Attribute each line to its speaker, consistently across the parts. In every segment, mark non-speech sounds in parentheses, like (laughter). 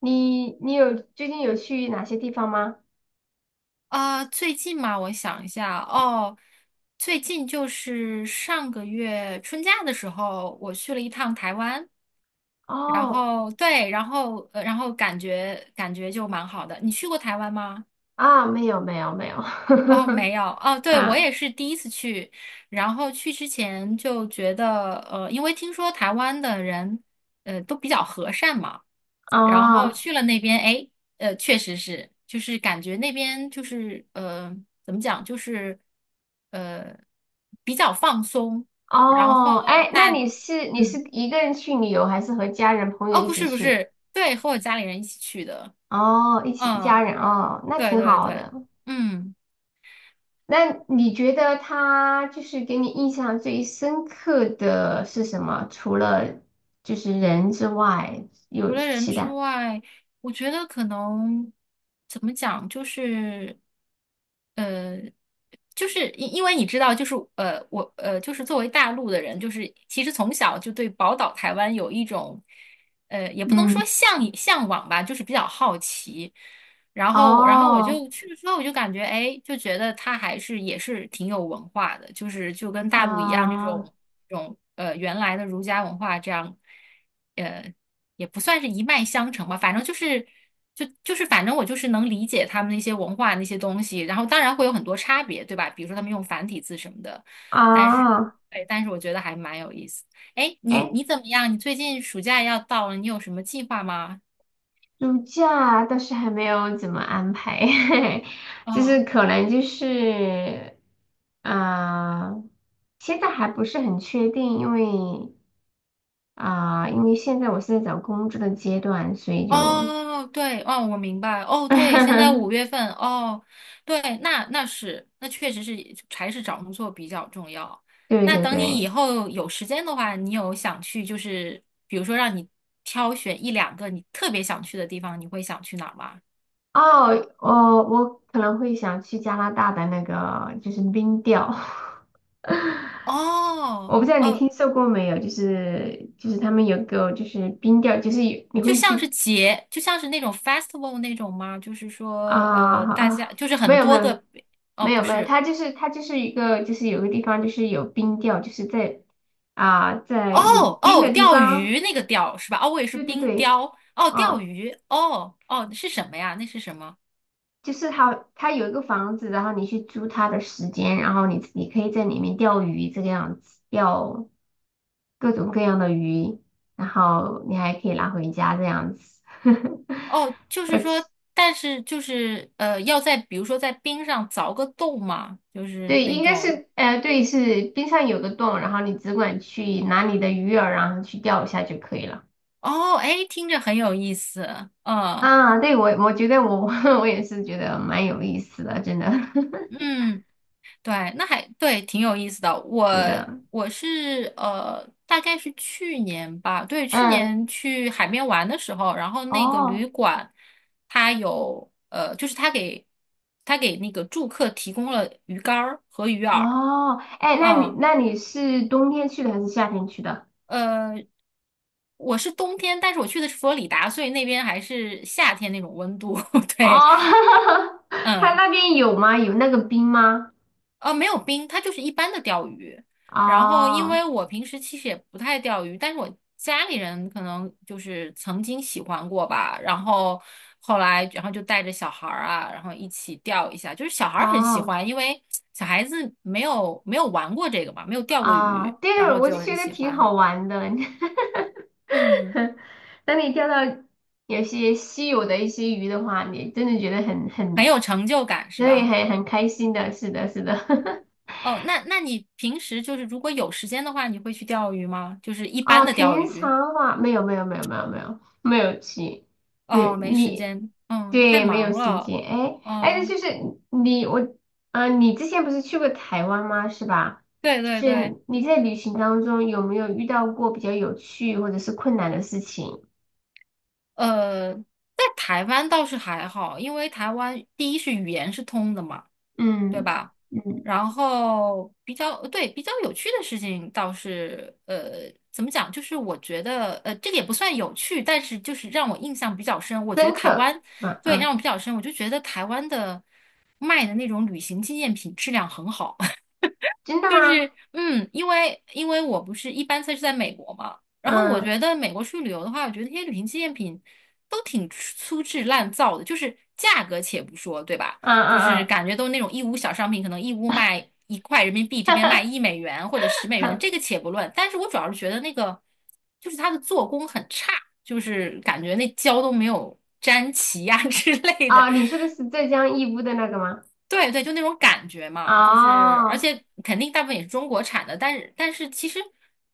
Speaker 1: 你你有最近有去哪些地方吗？
Speaker 2: 最近嘛，我想一下哦，最近就是上个月春假的时候，我去了一趟台湾，然
Speaker 1: 哦，
Speaker 2: 后对，然后然后感觉就蛮好的。你去过台湾吗？
Speaker 1: 啊，没有，
Speaker 2: 哦，没有哦，
Speaker 1: (laughs)
Speaker 2: 对，我
Speaker 1: 啊，
Speaker 2: 也是第一次去，然后去之前就觉得，因为听说台湾的人，都比较和善嘛，然后
Speaker 1: 哦
Speaker 2: 去了那边，哎，确实是，就是感觉那边就是，怎么讲，就是，呃，比较放松，然
Speaker 1: 哦，
Speaker 2: 后
Speaker 1: 哎，那
Speaker 2: 大，
Speaker 1: 你是
Speaker 2: 嗯，
Speaker 1: 一个人去旅游，还是和家人朋友
Speaker 2: 哦，
Speaker 1: 一
Speaker 2: 不
Speaker 1: 起
Speaker 2: 是不
Speaker 1: 去？
Speaker 2: 是，对，和我家里人一起去的，
Speaker 1: 哦，一起一
Speaker 2: 嗯，
Speaker 1: 家人哦，那
Speaker 2: 对
Speaker 1: 挺
Speaker 2: 对
Speaker 1: 好
Speaker 2: 对，
Speaker 1: 的。
Speaker 2: 嗯。
Speaker 1: 那你觉得他就是给你印象最深刻的是什么？除了就是人之外，
Speaker 2: 除
Speaker 1: 有
Speaker 2: 了人
Speaker 1: 其
Speaker 2: 之
Speaker 1: 他？
Speaker 2: 外，我觉得可能怎么讲，就是呃，就是因为你知道，就是我就是作为大陆的人，就是其实从小就对宝岛台湾有一种也不能说
Speaker 1: 嗯，
Speaker 2: 向往吧，就是比较好奇。然后我
Speaker 1: 哦，
Speaker 2: 就去了之后，我就感觉，哎，就觉得他还是也是挺有文化的，就是就跟大陆一样，这
Speaker 1: 啊、
Speaker 2: 种这种呃原来的儒家文化这样，呃也不算是一脉相承吧，反正就是反正我就是能理解他们那些文化那些东西，然后当然会有很多差别，对吧？比如说他们用繁体字什么的，但是
Speaker 1: 啊，
Speaker 2: 对，但是我觉得还蛮有意思。哎，你
Speaker 1: 哎、
Speaker 2: 你怎么样？你最近暑假要到了，你有什么计划吗？
Speaker 1: 暑假倒是还没有怎么安排，(laughs) 就
Speaker 2: 嗯。
Speaker 1: 是可能就是，啊、现在还不是很确定，因为啊、因为现在我是在找工作的阶段，所以就，
Speaker 2: 哦，对，哦，我明白，哦，对，现在五月
Speaker 1: (laughs)
Speaker 2: 份，哦，对，那确实是还是找工作比较重要。
Speaker 1: 对
Speaker 2: 那
Speaker 1: 对
Speaker 2: 等你以
Speaker 1: 对，
Speaker 2: 后有时间的话，你有想去，就是比如说让你挑选一两个你特别想去的地方，你会想去哪儿吗？
Speaker 1: 哦，我可能会想去加拿大的那个就是冰钓，(laughs) 我
Speaker 2: 哦，
Speaker 1: 不知道你
Speaker 2: 哦，
Speaker 1: 听说过没有，就是他们有个就是冰钓，就是有你会去。
Speaker 2: 就像是那种 festival 那种吗？就是
Speaker 1: 啊
Speaker 2: 说，
Speaker 1: 啊，
Speaker 2: 大家
Speaker 1: 啊，
Speaker 2: 就是
Speaker 1: 没
Speaker 2: 很
Speaker 1: 有没
Speaker 2: 多
Speaker 1: 有
Speaker 2: 个，哦，
Speaker 1: 没有
Speaker 2: 不
Speaker 1: 没有，
Speaker 2: 是。
Speaker 1: 它就是一个就是有个地方就是有冰钓，就是在啊在有
Speaker 2: 哦
Speaker 1: 冰
Speaker 2: 哦，
Speaker 1: 的地
Speaker 2: 钓
Speaker 1: 方，
Speaker 2: 鱼那个钓是吧？哦，我也是
Speaker 1: 对对
Speaker 2: 冰
Speaker 1: 对，
Speaker 2: 雕。哦，钓
Speaker 1: 啊，
Speaker 2: 鱼。哦哦，是什么呀？那是什么？
Speaker 1: 就是它有一个房子，然后你去租它的时间，然后你可以在里面钓鱼这个样子，钓各种各样的鱼，然后你还可以拿回家这样子，
Speaker 2: 哦，就
Speaker 1: (laughs)
Speaker 2: 是
Speaker 1: 而且。
Speaker 2: 说，但是就是要在比如说在冰上凿个洞嘛，就是
Speaker 1: 对，
Speaker 2: 那
Speaker 1: 应该
Speaker 2: 种。
Speaker 1: 是，对，是冰上有个洞，然后你只管去拿你的鱼饵，然后去钓一下就可以了。
Speaker 2: 哦，哎，听着很有意思。嗯
Speaker 1: 啊，对，我觉得我 (laughs) 我也是觉得蛮有意思的，真的，
Speaker 2: 嗯。对，那还对，挺有意思的。我
Speaker 1: (laughs) 是的，
Speaker 2: 我是大概是去年吧，对，去
Speaker 1: 嗯，
Speaker 2: 年去海边玩的时候，然后那个旅
Speaker 1: 哦
Speaker 2: 馆它有就是它给那个住客提供了鱼竿儿和鱼饵，
Speaker 1: 哦，哎，那你
Speaker 2: 嗯，
Speaker 1: 那你是冬天去的还是夏天去的？
Speaker 2: 呃，我是冬天，但是我去的是佛罗里达，所以那边还是夏天那种温度，(laughs) 对，
Speaker 1: 哦，(laughs) 他
Speaker 2: 嗯。
Speaker 1: 那边有吗？有那个冰吗？
Speaker 2: 没有冰，它就是一般的钓鱼。然后，因
Speaker 1: 哦
Speaker 2: 为我平时其实也不太钓鱼，但是我家里人可能就是曾经喜欢过吧。然后后来，然后就带着小孩儿啊，然后一起钓一下。就是小孩儿很喜
Speaker 1: 哦，
Speaker 2: 欢，因为小孩子没有玩过这个嘛，没有钓过
Speaker 1: 啊，
Speaker 2: 鱼，然
Speaker 1: 对，
Speaker 2: 后
Speaker 1: 我就
Speaker 2: 就很
Speaker 1: 觉得
Speaker 2: 喜
Speaker 1: 挺
Speaker 2: 欢。
Speaker 1: 好玩的。(laughs)
Speaker 2: 嗯，
Speaker 1: (laughs) 当你钓到有些稀有的一些鱼的话，你真的觉得很，
Speaker 2: 很有成就感，是
Speaker 1: 所以
Speaker 2: 吧？
Speaker 1: 很开心的。是的，是的。(laughs)
Speaker 2: 哦，那你平时就是如果有时间的话，你会去钓鱼吗？就是一般
Speaker 1: 啊，
Speaker 2: 的钓
Speaker 1: 平
Speaker 2: 鱼。
Speaker 1: 常话没有去，没
Speaker 2: 哦，
Speaker 1: 有
Speaker 2: 没时
Speaker 1: 你
Speaker 2: 间，嗯，太
Speaker 1: 对没有
Speaker 2: 忙
Speaker 1: 时
Speaker 2: 了，
Speaker 1: 间。哎哎，
Speaker 2: 嗯，
Speaker 1: 就是你我你之前不是去过台湾吗？是吧？
Speaker 2: 对
Speaker 1: 就
Speaker 2: 对
Speaker 1: 是
Speaker 2: 对，
Speaker 1: 你在旅行当中有没有遇到过比较有趣或者是困难的事情？
Speaker 2: 在台湾倒是还好，因为台湾第一是语言是通的嘛，对
Speaker 1: 嗯
Speaker 2: 吧？
Speaker 1: 嗯，
Speaker 2: 然后比较，对，比较有趣的事情倒是，怎么讲？就是我觉得，这个也不算有趣，但是就是让我印象比较深。我觉得
Speaker 1: 深
Speaker 2: 台
Speaker 1: 刻
Speaker 2: 湾，
Speaker 1: 是吧？
Speaker 2: 对，
Speaker 1: 嗯，
Speaker 2: 让我比较深，我就觉得台湾的卖的那种旅行纪念品质量很好。
Speaker 1: 真的
Speaker 2: 就
Speaker 1: 吗？
Speaker 2: 是因为我不是一般在美国嘛，然后我
Speaker 1: 嗯
Speaker 2: 觉得美国去旅游的话，我觉得那些旅行纪念品都挺粗制滥造的，就是价格且不说，对吧？
Speaker 1: 嗯，
Speaker 2: 就是
Speaker 1: 嗯
Speaker 2: 感觉都是那种义乌小商品，可能义乌卖1块人民币，这边卖1美元或者10美元，
Speaker 1: 嗯，
Speaker 2: 这个且不论。但是我主要是觉得那个就是它的做工很差，就是感觉那胶都没有粘齐呀、(laughs) 之
Speaker 1: (laughs)
Speaker 2: 类的。
Speaker 1: 啊，你说的是浙江义乌的那个吗？
Speaker 2: 对对，就那种感觉嘛，就是而
Speaker 1: 哦，
Speaker 2: 且肯定大部分也是中国产的，但是其实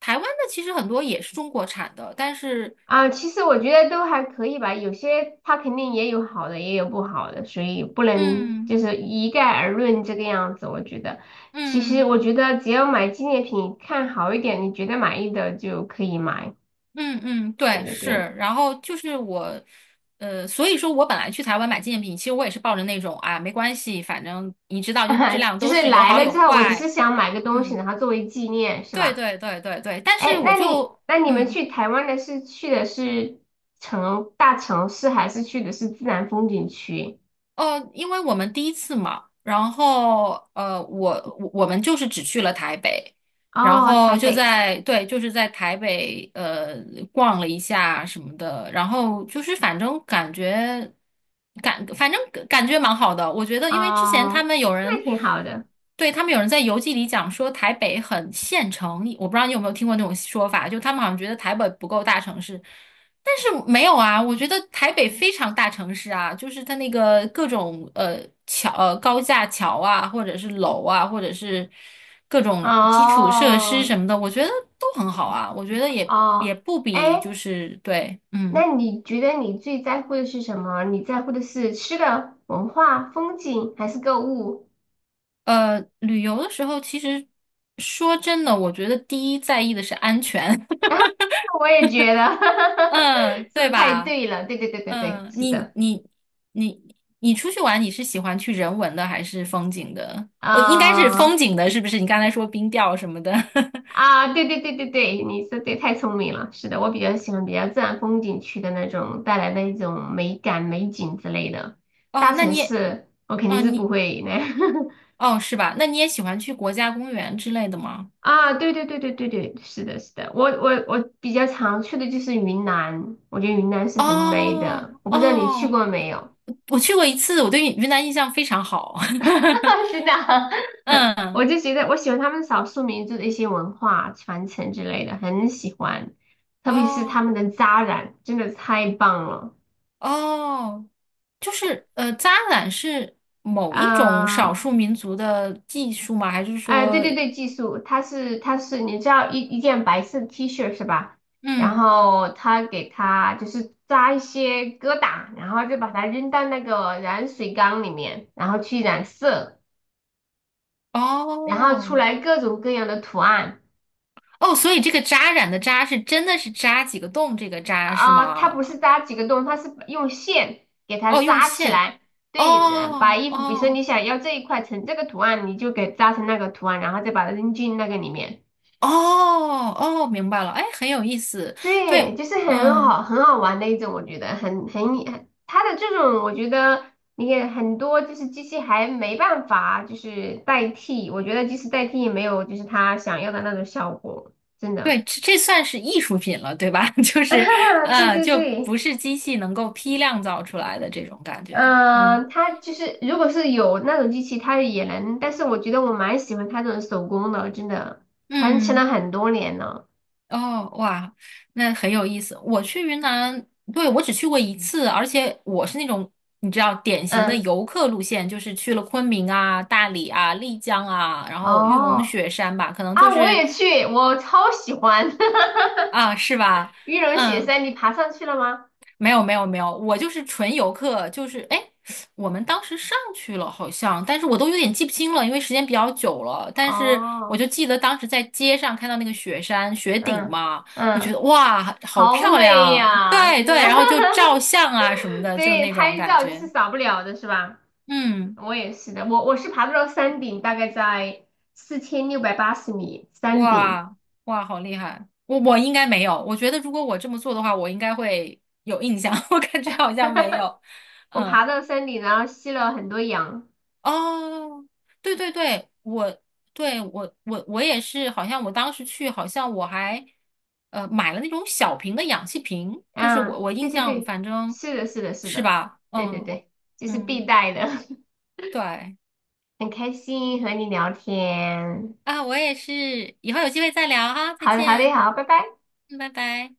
Speaker 2: 台湾的其实很多也是中国产的，但是
Speaker 1: 啊，其实我觉得都还可以吧，有些它肯定也有好的，也有不好的，所以不能
Speaker 2: 嗯
Speaker 1: 就是一概而论这个样子。我觉得，其实
Speaker 2: 嗯
Speaker 1: 我觉得只要买纪念品，看好一点，你觉得满意的就可以买。
Speaker 2: 嗯嗯，
Speaker 1: 对
Speaker 2: 对
Speaker 1: 对
Speaker 2: 是，
Speaker 1: 对，
Speaker 2: 然后就是我所以说我本来去台湾买纪念品，其实我也是抱着那种啊没关系，反正你知道就质
Speaker 1: (laughs)
Speaker 2: 量
Speaker 1: 就
Speaker 2: 都
Speaker 1: 是
Speaker 2: 是有
Speaker 1: 来
Speaker 2: 好
Speaker 1: 了
Speaker 2: 有
Speaker 1: 之后，我只是
Speaker 2: 坏，
Speaker 1: 想买个东西，
Speaker 2: 嗯，
Speaker 1: 然后作为纪念，是
Speaker 2: 对
Speaker 1: 吧？
Speaker 2: 对对对对，但是
Speaker 1: 哎，
Speaker 2: 我
Speaker 1: 那你
Speaker 2: 就
Speaker 1: 那你们
Speaker 2: 嗯。
Speaker 1: 去台湾的是城大城市，还是去的是自然风景区？
Speaker 2: 因为我们第一次嘛，然后我们就是只去了台北，然
Speaker 1: 哦，
Speaker 2: 后
Speaker 1: 台
Speaker 2: 就
Speaker 1: 北，
Speaker 2: 在对，就是在台北逛了一下什么的，然后就是反正感觉蛮好的，我觉得因为之前他
Speaker 1: 哦，
Speaker 2: 们有
Speaker 1: 那
Speaker 2: 人
Speaker 1: 挺好的，
Speaker 2: 对他们有人在游记里讲说台北很县城，我不知道你有没有听过那种说法，就他们好像觉得台北不够大城市。但是没有啊，我觉得台北非常大城市啊，就是它那个各种桥、高架桥啊，或者是楼啊，或者是各种基础设施
Speaker 1: 哦
Speaker 2: 什么的，我觉得都很好啊。我觉得也
Speaker 1: 哦，
Speaker 2: 不
Speaker 1: 哎，
Speaker 2: 比就是对，
Speaker 1: 那你觉得你最在乎的是什么？你在乎的是吃的、文化、风景，还是购物？
Speaker 2: 旅游的时候其实说真的，我觉得第一在意的是安全，
Speaker 1: (laughs) 啊，我也觉得，
Speaker 2: (laughs) 嗯，
Speaker 1: (laughs) 说
Speaker 2: 对
Speaker 1: 的太
Speaker 2: 吧？
Speaker 1: 对了，对对对对对，
Speaker 2: 嗯，
Speaker 1: 是
Speaker 2: 你
Speaker 1: 的，
Speaker 2: 你你你出去玩，你是喜欢去人文的还是风景的？应该是风
Speaker 1: 啊、
Speaker 2: 景的，是不是？你刚才说冰钓什么的，
Speaker 1: 啊，对对对对对，你说对，太聪明了。是的，我比较喜欢比较自然风景区的那种带来的一种美感、美景之类的。
Speaker 2: (laughs) 哦，
Speaker 1: 大
Speaker 2: 那
Speaker 1: 城
Speaker 2: 你也，
Speaker 1: 市我肯
Speaker 2: 哦，
Speaker 1: 定是不
Speaker 2: 你
Speaker 1: 会那
Speaker 2: 哦，是吧？那你也喜欢去国家公园之类的吗？
Speaker 1: (laughs) 啊，对对对对对对，是的，是的，我比较常去的就是云南，我觉得云南是很美
Speaker 2: 哦
Speaker 1: 的。我不知道你去
Speaker 2: 哦，
Speaker 1: 过没有？
Speaker 2: 我去过一次，我对云南印象非常好。(laughs)
Speaker 1: (laughs) 是的，(laughs) 我
Speaker 2: 嗯，
Speaker 1: 就觉得我喜欢他们少数民族的一些文化传承之类的，很喜欢，特别是他
Speaker 2: 哦
Speaker 1: 们的扎染，真的太棒了。
Speaker 2: 哦，就是扎染是某一种少
Speaker 1: 啊！
Speaker 2: 数民族的技术吗？还是
Speaker 1: 哎、对
Speaker 2: 说，
Speaker 1: 对对，技术，他是，你知道一件白色的 T 恤是吧？然
Speaker 2: 嗯？
Speaker 1: 后他就是扎一些疙瘩，然后就把它扔到那个染水缸里面，然后去染色，然后出
Speaker 2: 哦
Speaker 1: 来各种各样的图案，
Speaker 2: 哦，所以这个扎染的扎是真的是扎几个洞这个扎是
Speaker 1: 啊、它
Speaker 2: 吗？
Speaker 1: 不是扎几个洞，它是用线给它
Speaker 2: 哦，用
Speaker 1: 扎起
Speaker 2: 线。
Speaker 1: 来。对，把
Speaker 2: 哦
Speaker 1: 衣服，比如说
Speaker 2: 哦
Speaker 1: 你想要这一块成这个图案，你就给扎成那个图案，然后再把它扔进那个里面。
Speaker 2: 哦哦，明白了。哎，很有意思。
Speaker 1: 对，
Speaker 2: 对，
Speaker 1: 就是很
Speaker 2: 嗯，
Speaker 1: 好很好玩的一种，我觉得很它的这种，我觉得你也很多就是机器还没办法就是代替，我觉得即使代替也没有就是它想要的那种效果，真的。
Speaker 2: 对，这算是艺术品了，对吧？(laughs) 就
Speaker 1: (laughs)
Speaker 2: 是
Speaker 1: 啊对对
Speaker 2: 就不
Speaker 1: 对，
Speaker 2: 是机器能够批量造出来的这种感觉。嗯
Speaker 1: 嗯、它就是如果是有那种机器，它也能，但是我觉得我蛮喜欢它这种手工的，真的传承了
Speaker 2: 嗯。
Speaker 1: 很多年了。
Speaker 2: 哦，哇，那很有意思。我去云南，对，我只去过一次，而且我是那种你知道典型的
Speaker 1: 嗯，
Speaker 2: 游客路线，就是去了昆明啊、大理啊、丽江啊，然后玉龙
Speaker 1: 哦，
Speaker 2: 雪山吧，可能就
Speaker 1: 啊，我
Speaker 2: 是
Speaker 1: 也去，我超喜欢。(laughs)
Speaker 2: 啊，是吧？
Speaker 1: 玉龙雪
Speaker 2: 嗯。
Speaker 1: 山，你爬上去了吗？
Speaker 2: 没有没有没有，我就是纯游客，就是哎，我们当时上去了好像，但是我都有点记不清了，因为时间比较久了。但是我
Speaker 1: 哦，
Speaker 2: 就记得当时在街上看到那个雪山雪顶
Speaker 1: 嗯
Speaker 2: 嘛，我觉得
Speaker 1: 嗯，
Speaker 2: 哇，好
Speaker 1: 好
Speaker 2: 漂
Speaker 1: 美
Speaker 2: 亮，
Speaker 1: 呀，
Speaker 2: 对
Speaker 1: 真的。
Speaker 2: 对，
Speaker 1: (laughs)
Speaker 2: 然后就照相啊什么的，就
Speaker 1: 对，
Speaker 2: 那种
Speaker 1: 拍
Speaker 2: 感
Speaker 1: 照就是
Speaker 2: 觉。
Speaker 1: 少不了的，是吧？
Speaker 2: 嗯，
Speaker 1: 我也是的，我是爬到了山顶，大概在4680米山顶，
Speaker 2: 哇哇，好厉害！我应该没有，我觉得如果我这么做的话，我应该会有印象，(laughs) 我感觉好像没有。
Speaker 1: 我爬
Speaker 2: 嗯。
Speaker 1: 到山顶，然后吸了很多氧。
Speaker 2: 哦，对对对，我也是，好像我当时去，好像我还买了那种小瓶的氧气瓶，就是
Speaker 1: 啊，
Speaker 2: 我
Speaker 1: 对
Speaker 2: 印
Speaker 1: 对
Speaker 2: 象
Speaker 1: 对，
Speaker 2: 反正
Speaker 1: 是的，是的，是
Speaker 2: 是
Speaker 1: 的，
Speaker 2: 吧，
Speaker 1: 对对
Speaker 2: 嗯
Speaker 1: 对，这是
Speaker 2: 嗯，
Speaker 1: 必带的。(laughs)
Speaker 2: 对
Speaker 1: 很开心和你聊天，
Speaker 2: 啊，我也是，以后有机会再聊哈，再
Speaker 1: 好的好的
Speaker 2: 见，
Speaker 1: 好，拜拜。
Speaker 2: 嗯，拜拜。